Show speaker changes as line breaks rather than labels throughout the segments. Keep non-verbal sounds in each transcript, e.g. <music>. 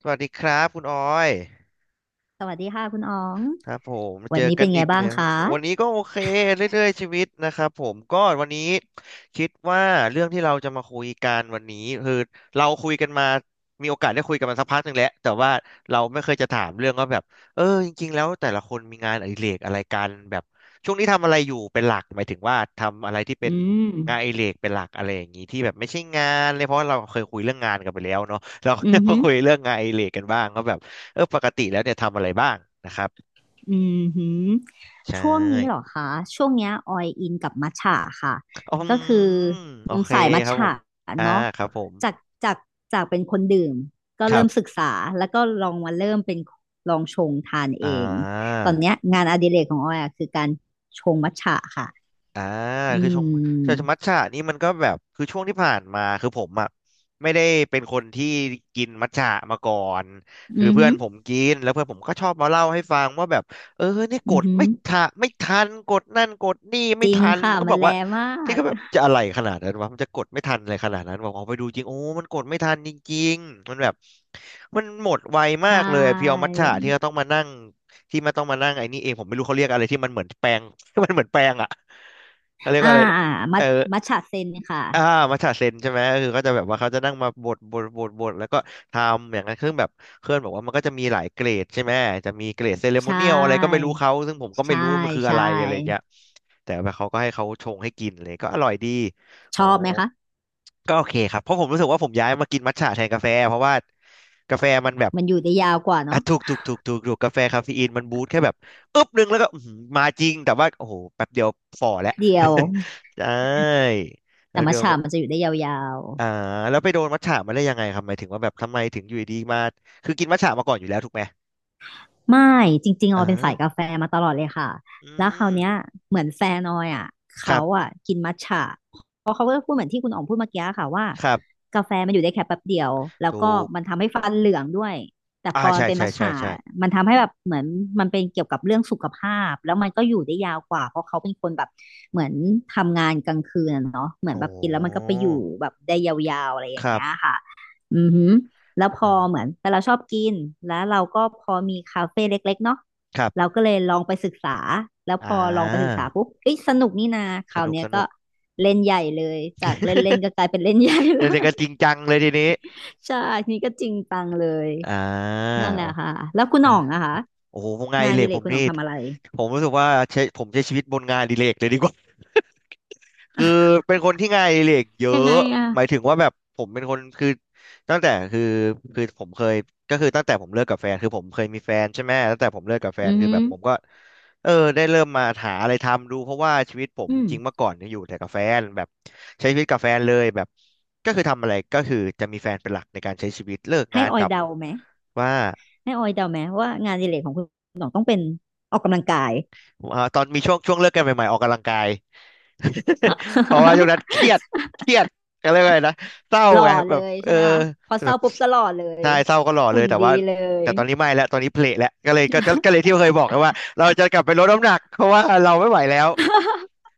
สวัสดีครับคุณออย
สวัสดีค่ะคุณอ๋อง
ครับผมมา
วั
เจ
น
อ
นี้
กั
เป็
น
นไง
อีก
บ้าง
แล้ว
คะ
วันนี้ก็โอเคเรื่อยๆชีวิตนะครับผมก็วันนี้คิดว่าเรื่องที่เราจะมาคุยกันวันนี้คือเราคุยกันมามีโอกาสได้คุยกันมาสักพักหนึ่งแล้วแต่ว่าเราไม่เคยจะถามเรื่องว่าแบบจริงๆแล้วแต่ละคนมีงานอดิเรกอะไรกันแบบช่วงนี้ทำอะไรอยู่เป็นหลักหมายถึงว่าทำอะไรที่เป็
อื
น
ม
งานอดิเรกเป็นหลักอะไรอย่างนี้ที่แบบไม่ใช่งานเลยเพราะว่าเราเคยคุยเรื่องงานกันไปแล้วเนาะเราก็
อื
จะ
อ
มา
หือ
คุยเรื่องงานอดิเรกกันบ้างก็แบบปกติแล้วเนี่ยทำอะไรบ้างนะครับ
อือหือ
ใช
ช่วงนี้เหรอ
่
คะ ช่วงเนี้ยออยอินกับมัทฉะค่ะ
อืม
ก็คือ
โอเค
สายมัท
ครับผ
ฉะ
ม อ่า
เนาะ
ครับผม
จากจากจากเป็นคนดื่มก็
ครั
เริ่มศึ
บ
กษาแล้วก็ลองมาเริ่มเป็นลองชงทาน
อ่
เอง ตอนเนี้
า
ยงานอดิเรกของออยอะคือการชงมัทฉะค่ะ
อ่า
อื
คือช่วง
ม
มัทฉะนี่มันก็แบบคือช่วงที่ผ่านมาคือผมอ่ะไม่ได้เป็นคนที่กินมัทฉะมาก่อนคือ
อือ
เพื่
หื
อน
อ
ผมกินแล้วเพื่อนผมก็ชอบมาเล่าให้ฟังว่าแบบเนี่ยก
อือ
ด
หือ
ไม่ทันกดนั่นกดนี่
จ
ไม่
ริง
ทัน
ค่ะ
มันก็
มั
บ
น
อก
แล
ว่า
มา
ที่
ก
เขาแบบจะอะไรขนาดนั้นวะมันจะกดไม่ทันอะไรขนาดนั้นบอกออกไปดูจริงโอ้มันกดไม่ทันจริงๆมันแบบมันหมดไวมา
ใช่
กเลยเพียวมัทฉะที่เขาต้องมานั่ง ไม่ต้องมานั่งไอ้นี่เองผมไม่รู้เขาเรียกอะไรที่มันเหมือนแปลง <laughs> มันเหมือนแปลงอ่ะเขาเรียก
อ่า
ว่าอะไรนะ
อ่ามั
เออ
ทมัทฉะเซนค่ะ
อ่ามัชฌะเซนใช่ไหมคือก็จะแบบว่าเขาจะนั่งมาบดแล้วก็ทำอย่างนั้นซึ่งแบบเพื่อนบอกว่ามันก็จะมีหลายเกรดใช่ไหมจะมีเกรดเซเลโม
ใช่
เนียลอะไรก็ไม่รู้เขาซึ่งผมก็ไม่
ใช่
รู้มันคืออะ
ใช่
ไรอะไรอย่างเงี้ยแต่ว่าเขาก็ให้เขาชงให้กินเลยก็อร่อยดี
ช
โอ้
อบไหมคะ
ก็โอเคครับเพราะผมรู้สึกว่าผมย้ายมากินมัทฉะแทนกาแฟเพราะว่ากาแฟมันแบบ
มันอยู่ได้ยาวกว่า
อ่ะ
เนาะ
ถูกกาแฟคาเฟอีนมันบูสต์แค่แบบอึ๊บหนึงแล้วก็อื้อหือมาจริงแต่ว่าโอ้โหแป๊บเดียวฝ่อ
แป๊
แล้ว
บเดียว
<laughs> ใช่
แต่
แล้ว
มั
เดี
ท
ยว
ฉะ
ก็
มันจะอยู่ได้ยาว
อ่าแล้วไปโดนมัทฉะมาได้ยังไงครับหมายถึงว่าแบบทำไมถึงอยู่ดีๆมาคือกินมัทฉะมาก่อนอยู่แล้วถูกไหม
ไม่จริงๆอ
อ่
อยเป็นสายกา
า
แฟมาตลอดเลยค่ะ
อื
แล้วคราว
ม
เนี้ยเหมือนแฟนออยอ่ะ
ครั
เขา
บ
อ่ะกินมัทฉะเพราะเขาก็พูดเหมือนที่คุณอ๋องพูดเมื่อกี้ค่ะว่า
ครับ
กาแฟมันอยู่ได้แค่แป๊บเดียวแล้ว
ถู
ก็
ก
มันทำให้ฟันเหลืองด้วยแต่พ
อ่า
อมัน
ใช่
เป็นมัทฉะมันทำให้แบบเหมือนมันเป็นเกี่ยวกับเรื่องสุขภาพแล้วมันก็อยู่ได้ยาวกว่าเพราะเขาเป็นคนแบบเหมือนทำงานกลางคืนอะเนาะเหมือ
โอ
นแบบกินแล้วมันก็ไป
้
อยู่แบบได้ยาวๆอะไรอ
ค
ย่าง
รั
เงี้ย
บ
ค่ะอือหือ แล้วพอ
อ่า
เหมือนแต่เราชอบกินแล้วเราก็พอมีคาเฟ่เล็กๆเนาะ
ครั
เรา
บ
ก็เลยลองไปศึกษาแล้ว
อ่
พอลองไปศึก
า
ษาปุ๊บเอ้ยสนุกนี่นาค
ส
ราว
นุก
เนี้ยก็เล่นใหญ่เลยจากเล่นเล่น
<laughs>
ก็กลายเป็นเล่นใหญ่เล
เดี๋ยว
ย
ก็จริงจังเลยทีนี้
<laughs> ใช่นี่ก็จริงจังเลย
อ่า
นั่นแหละ
โอ้
ค่ะแล้วคุณหน่องอะคะ
โอ้โหงานอ
งาน
ดิ
อ
เร
ดิ
ก
เล
ผ
ก
ม
คุณหน่
นี่
องทำอะไร
ผมรู้สึกว่าใช้ชีวิตบนงานอดิเรกเลยดีกว่า คือเป็นคนที่งานอดิเรกเย
ยัง
อะ
ไงอ่ะ
หมายถึงว่าแบบผมเป็นคนคือตั้งแต่คือผมเคยก็คือตั้งแต่ผมเลิกกับแฟนคือผมเคยมีแฟนใช่ไหมตั้งแต่ผมเลิกกับแฟ
อื
น
อ
คือ
หื
แบ
อ
บผมก็ได้เริ่มมาหาอะไรทำดูเพราะว่าชีวิตผม
อื
จ
ม
ริงๆเมื่อก่อนเนี่ยอยู่แต่กับแฟนแบบใช้ชีวิตกับแฟนเลยแบบก็คือทำอะไรก็คือจะมีแฟนเป็นหลักในการใช้ชีวิตเลิก
ให้
งาน
อ
ก
อย
ลับ
เดาไหม
ว่า
ให้ออยเดาไหมว่างานอดิเรกของคุณหน่องต้องเป็นออกกำลังกาย
อ่าตอนมีช่วงเลิกกันใหม่ๆออกกำลังกาย เพราะว่าช่วงนั้น
<laughs>
เครียดเครียดก็เรียกว่าอะไรนะเศร้า
หล่อ
ไง
เล
แบบ
ยใช่ไหมคะพอเศ
แบ
ร้า
บ
ปุ๊บก็หล่อเลย
ใช่เศร้าก็หล่อเล
หุ่
ย
น
แต่
ดี
ว่า
เลย
ตอนนี้ไม่แล้วตอนนี้เพละแล้วก็เลยก็ก็ก็เลยที่เคยบอกไงว่าเราจะกลับไปลดน้ำหนักเพราะว่าเราไม่ไหวแล้ว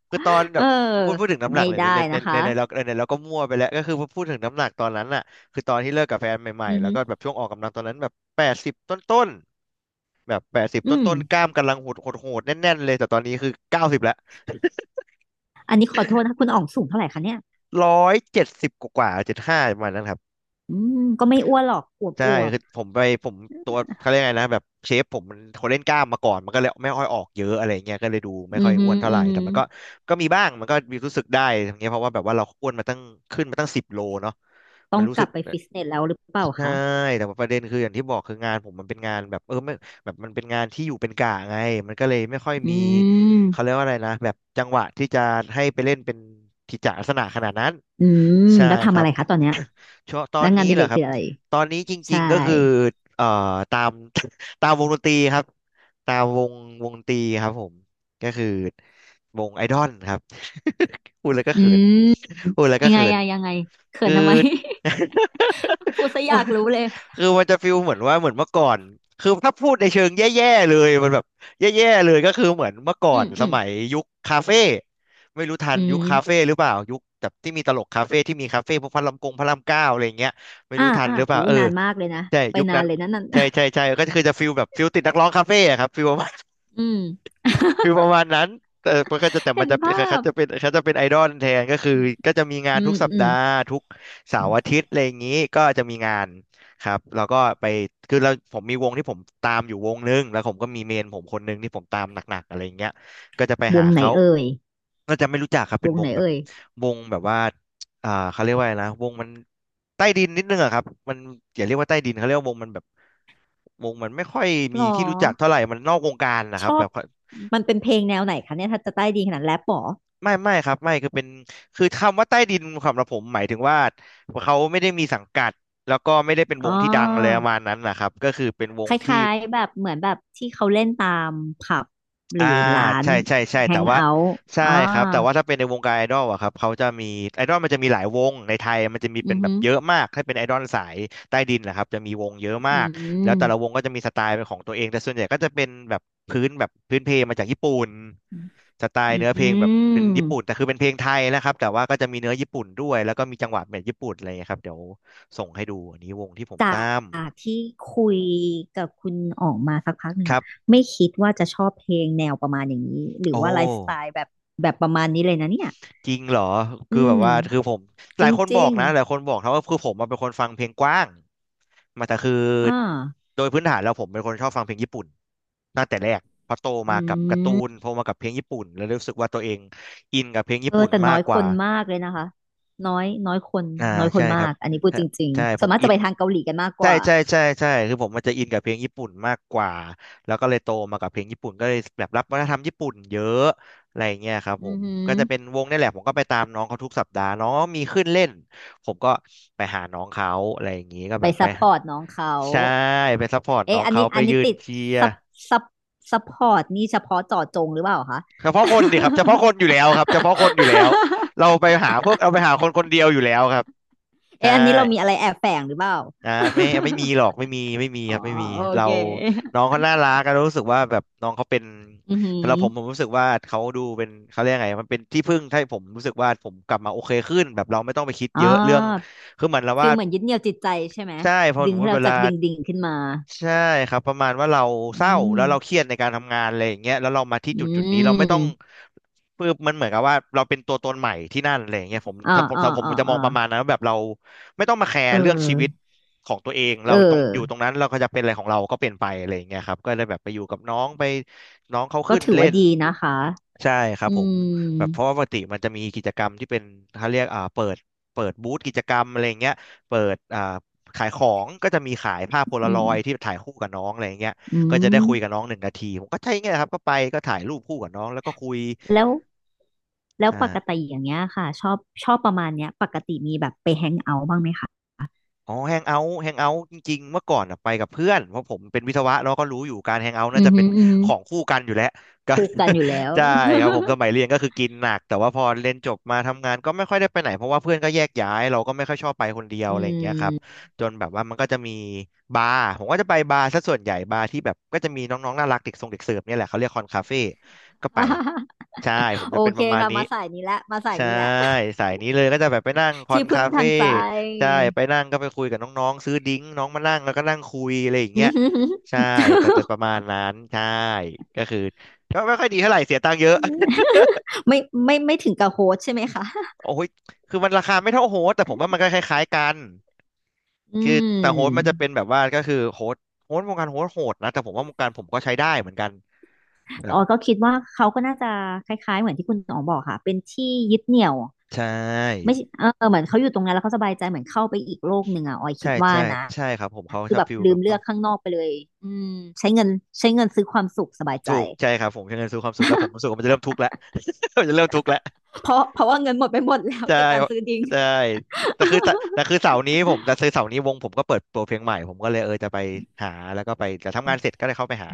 คือตอน
เอ
แบ
อ
บพูดถึงน้ำหนั
ไม่
กเลย
ได้
ในใน
นะ
ใน
คะ
ในเราในในเราก็มั่วไปแล้วก็คือพูดถึงน้ำหนักตอนนั้นน่ะคือตอนที่เลิกกับแฟนใหม่
อือ
ๆแล้ว
หือ
ก็แบบช่วงออกกำลังตอนนั้นแบบแปดสิบต้นๆแบบแปดสิบ
อืม
ต้นๆ กล้ามกำลังโหดโหดๆแน่นๆเลยแต่ตอนนี้คือเก้าสิบ
อันนี้ขอโทษนะคุณอ๋องสูงเท่าไหร่คะเนี่ย
ร้อยเจ็ดสิบกว่าเจ็ดห้าประมาณนั้นครับ
อืมก็ไม่อ้วนหรอกอวบ
ใช่
อวบ
คือผมไปผมตัวเขาเรียกไงนะแบบเชฟผมมันเขาเล่นกล้ามมาก่อนมันก็เลยไม่ค่อยออกเยอะอะไรเงี้ยก็เลยดูไม่
อื
ค่อ
อ
ยอ้
หื
ว
อ
นเท่าไห
อื
ร่
อหื
แต่
อ
มันก็มีบ้างมันก็มีรู้สึกได้ทั้งเนี้ยเพราะว่าแบบว่าเราอ้วนมาตั้งขึ้นมาตั้งสิบโลเนาะ
ต้
มั
อ
น
ง
รู้
ก
สึ
ลั
ก
บไปฟิตเนสแล้วหรือเปล่า
ใช่
คะ
แต่ว่าประเด็นคืออย่างที่บอกคืองานผมมันเป็นงานแบบไม่แบบมันเป็นงานที่อยู่เป็นกะไงมันก็เลยไม่ค่อย
อื
มีเขาเรียก
ม
ว่าอะไรนะแบบจังหวะที่จะให้ไปเล่นเป็นกิจจลักษณะขนาดนั้น
อืม
ใช่
แล้ว
ค
ทำ
รั
อะ
บ
ไรคะตอนเนี้ย
<coughs> ช่วงตอ
แล้ว
น
งาน
นี้
อดิ
เหร
เร
อ
ก
ครั
คื
บ
ออะไร
ตอนนี้จ
ใช่
ริงๆก็คือเอ่อตาม <coughs> <laughs> ตามวงดนตรีครับตามวงวงดนตรีครับผมก็คือวงไอดอลครับ <laughs> พูดแล้วก็
อื
เขิน
ม
พูดแล้วก็
ยังไง
เขิน
อะยังไงเขิ
คื
น
อ
ทำไม
<laughs>
<laughs> พูดซะอ
<laughs>
ยากรู้เลย
คือมันจะฟีลเหมือนว่าเหมือนเมื่อก่อนคือถ้าพูดในเชิงแย่ๆเลยมันแบบแย่ๆเลยก็คือเหมือนเมื่อก่อ
อื
น
ม
ส
อืม
มัยยุคคาเฟ่ไม่รู้ทัน
อื
ยุค
ม
คาเฟ่หรือเปล่ายุคแบบที่มีตลกคาเฟ่ที่มีคาเฟ่พวกพระรามกงพระรามเก้าอะไรอย่างเงี้ยไม่
อ่า
รู้ทัน
อ่า
หรือเป
หู
ล่าเออ
นานมากเลยนะ
ใช่
ไป
ยุค
นา
นั้
น
น
เลยนะนั่น
ใช่
<laughs>
ใช่ใช่ก็คือจะฟีลแบบฟีลติดนักร้องคาเฟ่อะครับฟีล
อืม
คือประมาณนั้นแต่มันก็จะแต่มั
เห็
น
น
จะเป็น
ภา
เขา
พ
จะเป็นเขาจะเป็นไอดอลแทนก็คือก็จะมีงาน
อื
ทุ
ม
กสัป
อื
ดา
ม
ห์ทุกเสาร์อาทิตย์อะไรอย่างนี้ก็จะมีงานครับแล้วก็ไปคือเราผมมีวงที่ผมตามอยู่วงนึงแล้วผมก็มีเมนผมคนนึงที่ผมตามหนักๆอะไรอย่างเงี้ยก็จะไป
ว
หา
งไหน
เขา
เอ่ย
ก็จะไม่รู้จักครับ
ว
เป็น
ง
ว
ไหน
งแบบ
เอ่ย
วงแบบว่าเขาเรียกว่าอะไรนะวงมันใต้ดินนิดนึงอะครับมันอย่าเรียกว่าใต้ดินเขาเรียกว่าวงมันแบบวงมันไม่ค่อย
ห
มี
รอ
ที่รู้จักเท่าไหร่มันนอกวงการนะค
ช
รับ
อ
แบ
บ
บ
มันเป็นเพลงแนวไหนคะเนี่ยถ้าจะใต้ดีขนาดแรปหรอ
ไม่ครับไม่คือเป็นคือคำว่าใต้ดินสำหรับผมหมายถึงว่าเขาไม่ได้มีสังกัดแล้วก็ไม่ได้เป็นว
อ๋
งที่ดังเลยป
อ
ระมาณนั้นนะครับก็คือเป็นว
ค
งที่
ล้ายๆแบบเหมือนแบบที่เขาเล่นตามผับหรื
อ่า
อร้าน
ใช่ใช่ใช่
แฮ
แต่
ง
ว่า
เอาท์
ใช่
อ่า
ครับแต่ว่าถ้าเป็นในวงการไอดอลอะครับเขาจะมีไอดอลมันจะมีหลายวงในไทยมันจะมี
อื
เป็น
อ
แบ
ห
บเยอะมากถ้าเป็นไอดอลสายใต้ดินนะครับจะมีวงเยอะมา
อื
กแล้วแต่ละว
ม
งก็จะมีสไตล์เป็นของตัวเองแต่ส่วนใหญ่ก็จะเป็นแบบพื้นแบบพื้นเพลงมาจากญี่ปุ่นสไต
อ
ล์เนื้อเพลงแบ
ื
บเป็นญี่
ม
ปุ่นแต่คือเป็นเพลงไทยนะครับแต่ว่าก็จะมีเนื้อญี่ปุ่นด้วยแล้วก็มีจังหวะแบบญี่ปุ่นอะไรอย่างเงี้ยครับเดี๋ยวส่งให้ดูอันนี้วงที่ผม
จา
ตา
ก
ม
ที่คุยกับคุณออกมาสักพักหนึ่
ค
ง
รั
อะ
บ
ไม่คิดว่าจะชอบเพลงแนวประมาณอย่างนี้หรือ
โอ้
ว่าไลฟ์สไตล์แบบแบบประมาณนี้เลยนะเนี่ย
จริงเหรอ
อื
คือแบบ
ม
ว่าคือผมห
จ
ลายคนบอ
ริ
ก
ง
นะหลายคนบอกนะว่าคือผมมาเป็นคนฟังเพลงกว้างมาแต่คือ
ๆอ่า
โดยพื้นฐานแล้วผมเป็นคนชอบฟังเพลงญี่ปุ่นตั้งแต่แรกเพอโต
อื
มากับการ์ตูน
ม
โตมากับเพลงญี่ปุ่นแล้วรู้สึกว่าตัวเองอินกับเพลงญี่
เออ
ปุ่น
แต่
มา
น้อ
ก
ย
ก
ค
ว่า
นมากเลยนะคะน้อยน้อยคน
อ่า
น้อยค
ใช่
น
ครั
มา
บ
กอันนี้พูด
ใช่
จริง
ใช่
ๆ
ผ
ส่วน
ม
มาก
อิ
จะ
น
ไปทางเกาหลีกันมากก
ใช่
ว่า
ใช่ใช่ใช่คือผมมันจะอินกับเพลงญี่ปุ่นมากกว่าแล้วก็เลยโตมากับเพลงญี่ปุ่นก็เลยแบบรับวัฒนธรรมญี่ปุ่นเยอะอะไรอย่างเงี้ยครับ
อื
ผ
อ
ม
หือ
ก็จะเป็นวงนี่แหละผมก็ไปตามน้องเขาทุกสัปดาห์น้องมีขึ้นเล่นผมก็ไปหาน้องเขาอะไรอย่างงี้ก็
ไป
แบบไป
ซัพพอร์ตน้องเขา
ใช่ไปซัพพอร์ตน้อ
เอ๊ะ
ง
อัน
เขา
นี้
ไป
อันนี้
ยืน
ติด
เชียร์
ซัพซัพซัพพอร์ตนี่เฉพาะเจาะจงหรือเปล่าคะ
เฉพาะคนดิครับเฉพาะค
<laughs>
นอยู่แล้วครับเฉพาะคนอยู่แล้วเราไปหาพวกเราไปหาคนคนเดียวอยู่แล้วครับใช่
เอ๊ะอันนี้เรามีอะไรแอบแฝงหรือเปล่า
อ่าไม่
<laughs>
มีหรอกไม่มีไม่มี
อ๋
ค
อ
รับไม่มี
โอ
เรา
เค
น้องเขาน่ารักก็รู้สึกว่าแบบน้องเขาเป็น
อือหือ
สำหรับผมผมรู้สึกว่าเขาดูเป็นเขาเรียกไงมันเป็นที่พึ่งให้ผมรู้สึกว่าผมกลับมาโอเคขึ้นแบบเราไม่ต้องไปคิด
อ๋อ
เยอะเรื่องคือเหมือนเรา
ฟิ
ว่า
ลเหมือนยึดเหนี่ยวจิตใจใช่ไหม
ใช่พอผ
ดึง
ม
ให้เรา
เว
จา
ลา
กดิ่งดิ่งขึ้นมา
ใช่ครับประมาณว่าเราเศ
อื
ร้าแล้
ม
วเราเครียดในการทำงานอะไรอย่างเงี้ยแล้วเรามาที่
อื
จุดจุดนี้เราไม่ต้อง
ม
คืบมันเหมือนกับว่าเราเป็นตัวตนใหม่ที่นั่นอะไรอย่างเงี้ย
อ่าอ่า
ผม
อ่า
จะมอ
อ่า
งประมาณนั้นว่าแบบเราไม่ต้องมาแค
เอ
ร์
อ
เรื่องชีวิตของตัวเอง
เอ
เรา
อ
ตรงอยู่ตรงนั้นเราก็จะเป็นอะไรของเราก็เป็นไปอะไรอย่างเงี้ยครับก็ได้แบบไปอยู่กับน้องไปน้องเขา
ก็
ขึ้น
ถือ
เล่
ว่า
น
ดีนะคะ
ใช่ครับ
อื
ผม
ม
แบบเพราะว่าปกติมันจะมีกิจกรรมที่เป็นเขาเรียกเปิดเปิดบูธกิจกรรมอะไรเงี้ยเปิดขายของก็จะมีขายภาพโพ
อื
ลาร
ม
อยด์ที่ถ่ายคู่กับน้องอะไรเงี้ย
อื
ก็จะได้คุยกับ
ม
น้อง1 นาทีผมก็ใช่เงี้ยครับก็ไปก็ถ่ายรูปคู่กับน้องแล้วก็คุย
แล้วแล้ว
ใช่
ปกติอย่างเงี้ยค่ะชอบชอบประมาณเนี้ยปกติมีแบบไปแฮงเอาท์บ้างไหมคะ
อ๋อแฮงเอาท์แฮงเอาท์จริงๆเมื่อก่อนอะไปกับเพื่อนเพราะผมเป็นวิศวะเราก็รู้อยู่การแฮงเอาท์น่า
อือ
จะเป็
หื
น
ออือหื
ข
อ
องคู่กันอยู่แล้วก็
คู่กันอยู่แล้ว
<laughs> ใช่
<laughs>
ครับผมสมัยเรียนก็คือกินหนักแต่ว่าพอเรียนจบมาทำงานก็ไม่ค่อยได้ไปไหนเพราะว่าเพื่อนก็แยกย้ายเราก็ไม่ค่อยชอบไปคนเดียว
อื
อะไรอย่างเงี้ยครับ
ม
จนแบบว่ามันก็จะมีบาร์ผมก็จะไปบาร์ซะส่วนใหญ่บาร์ที่แบบก็จะมีน้องๆน่ารักเด็กสรงเด็กเสิร์ฟเนี่ยแหละเขาเรียกคอนคาเฟ่ก็ไปใช่ผม
โอ
จะเป็นป
เค
ระมาณ
ค่ะ
นี้
มาสายนี้แหละมาสาย
ใช่
นี้แหละ
สายนี้เลยก็จะแบบไปนั่งคอ
ที่
น
พึ่
คา
งทา
เฟ่
งใจ
ใช่
<laughs>
ไปนั่งก็ไปคุยกับน้องๆซื้อดิ้งน้องมานั่งแล้วก็นั่งคุยอะไรอย่าง
อื
เงี้
อ
ย
หือหือ
ใช่จะประมาณนั้นใช่ก็คือก็ไม่ค่อยดีเท่าไหร่เสียตังค์เยอะ <laughs>
<laughs> ไม่ไม่ไม่ถึงกับโฮสใช่ไหมคะ
โอ้ยคือมันราคาไม่เท่าโฮสต์แต่ผมว่ามันก็คล้ายๆกัน
อื
คือแต่โฮสต์มันจะเป็
ม
นแบบว่าก็คือโฮสต์วงการโฮสต์โหดนะแต่ผมว่าวงการผมก็ใช้ได้เหมือนกันแบบ
อ๋อก็คิดว่าเขาก็น่าจะคล้ายๆเหมือนที่คุณอ๋องบอกค่ะเป็นที่ยึดเหนี่ยว
ใช่
ไม่ใช่เออเหมือนเขาอยู่ตรงนั้นแล้วเขาสบายใจเหมือนเข้าไปอีกโลกหนึ่งอ่ะออยคิ
ใช่
ดว่า
ใช่
นะ
ใช่ครับผมเขา
คื
ช
อ
อบ
แบบ
ฟิล
ลื
แบ
ม
บ
เลื
เขา
อกข้างนอกไปเลยอืมใช้เงินใช้เงินซื้อความสุขสบายใจ
ถูกใช่ครับผมใช้เงินซื้อความสุขแล้วผมรู้สึกว่ามันจะเริ่มทุกข์แล้ว <laughs> มันจะเริ่มทุกข์แล้ว
เพราะเพราะว่าเงินหมดไปหมดแล้ว
ใช่
กับการซื้อดิ้ง
ใช่แต่คือแต่คือเสาร์นี้ผมแต่คือเสาร์นี้วงผมก็เปิดตัวเพลงใหม่ผมก็เลยเออจะไปหาแล้วก็ไปแต่ทำงานเสร็จก็เลยเข้าไปหา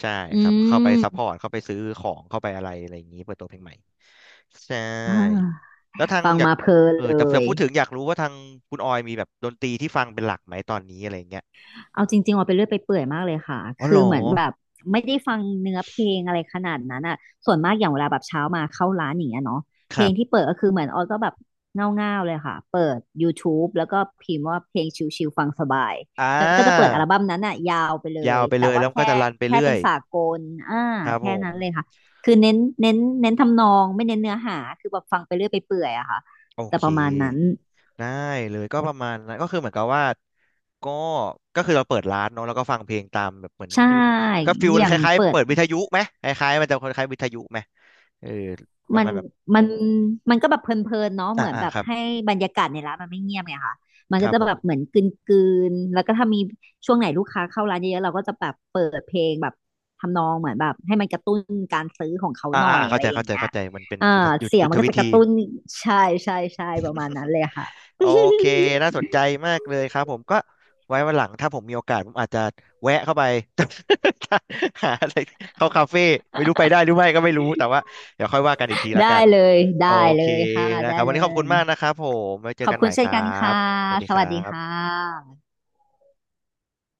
ใช่
อื
ครับเข้าไป
ม
ซัพพอร์ตเข้าไปซื้อของเข้าไปอะไรอะไรอย่างนี้เปิดตัวเพลงใหม่ใช่
อ่า
แล้วทาง
ฟัง
อยาก
มาเพลิน
เออ
เล
แต่
ย
พูดถึงอยากรู้ว่าทางคุณออยมีแบบดนตรีที่ฟังเป็นหลักไหมตอนนี้อะไรอย่างเงี้ย
เอาจริงๆออกไปเรื่อยไปเปื่อยมากเลยค่ะ
อ๋อเหร
คือ
อ
เหมือนแบบไม่ได้ฟังเนื้อเพลงอะไรขนาดนั้นอ่ะส่วนมากอย่างเวลาแบบเช้ามาเข้าร้านอย่างเงี้ยเนาะ
ค
เพล
รั
งที่
บ
เปิดก็คือเหมือนออยก็แบบเง่าๆเลยค่ะเปิดยูท t u แล้วก็พิมพ์ว่าเพลงชิลๆฟังสบาย
อ่
แล้วก็จะเปิด
า
อัลบั้มนั้นอ่ะยาวไปเล
ยาว
ย
ไปเล
แต่
ย
ว่า
แล้วก็
แค่
จะรันไป
แค่
เรื่อ
เป็น
ย
สากลอ่า
ครับผ
แค่
ม
นั้นเลยค่ะคือเน้นทำนองไม่เน้นเนื้อหาคือแบบฟังไปเรื่อยไปเปื่อยอะค่ะ
โอ
แต่
เค
ประมาณนั้น
ได้เลยก็ประมาณนั้นก็คือเหมือนกับว่าก็ก็คือเราเปิดร้านเนาะแล้วก็ฟังเพลงตามแบบเหมือน
ใช่
ยูก็ฟิล
อย่า
ค
ง
ล้าย
เปิ
ๆ
ด
เปิดวิทยุไหมคล้ายๆมันจะคล้ายๆวิทยุไหมเออประ
มัน
มาณแบบ
มันมันก็แบบเพลินๆเนาะ
อ่า
เหมือน
อ่า
แบบ
ครั
ให้
บ
บรรยากาศในร้านมันไม่เงียบไงค่ะมัน
ค
ก็
รับ
จะ
ผม
แบบเหมือนกลืนๆแล้วก็ถ้ามีช่วงไหนลูกค้าเข้าร้านเยอะๆเราก็จะแบบเปิดเพลงแบบทำนองเหมือนแบบให้มันกระตุ้นการซื้อของเขา
อ่า
หน่อ
อ่า
ย
อ่า
อะ
เข้า
ไร
ใจ
อย่า
เข้า
ง
ใจ
เงี้ย
เข้าใจมันเป็น
อ่า
ยุทธ
เสียง
ยุท
มั
ธ
นก็
วิ
จะก
ธี
ระตุ้นใช่ใช่ใช่ประมาณนั้นเลยค่ะ
โอเคน่าสนใจมากเลยครับผมก็ไว้วันหลังถ้าผมมีโอกาสผมอาจจะแวะเข้าไป <laughs> หาอะไรเข้าคาเฟ่ไม่รู้ไปได้หรือไม่ก็ไม่รู้แต่ว่าเดี๋ยวค่อยว่ากันอีกที
<laughs>
ละกั
ได้
น
เลย
โอ
ได้
เค
เลยค่ะ
นะค
ได้
รับวัน
เล
นี้ขอบคุ
ย
ณมากนะครับผมไว้เจอ
ขอบ
กันให
คุ
ม่
ณเช่
ค
น
รั
กันค่ะ
บสวัสดี
ส
ค
วั
รั
สดีค่
บ
ะ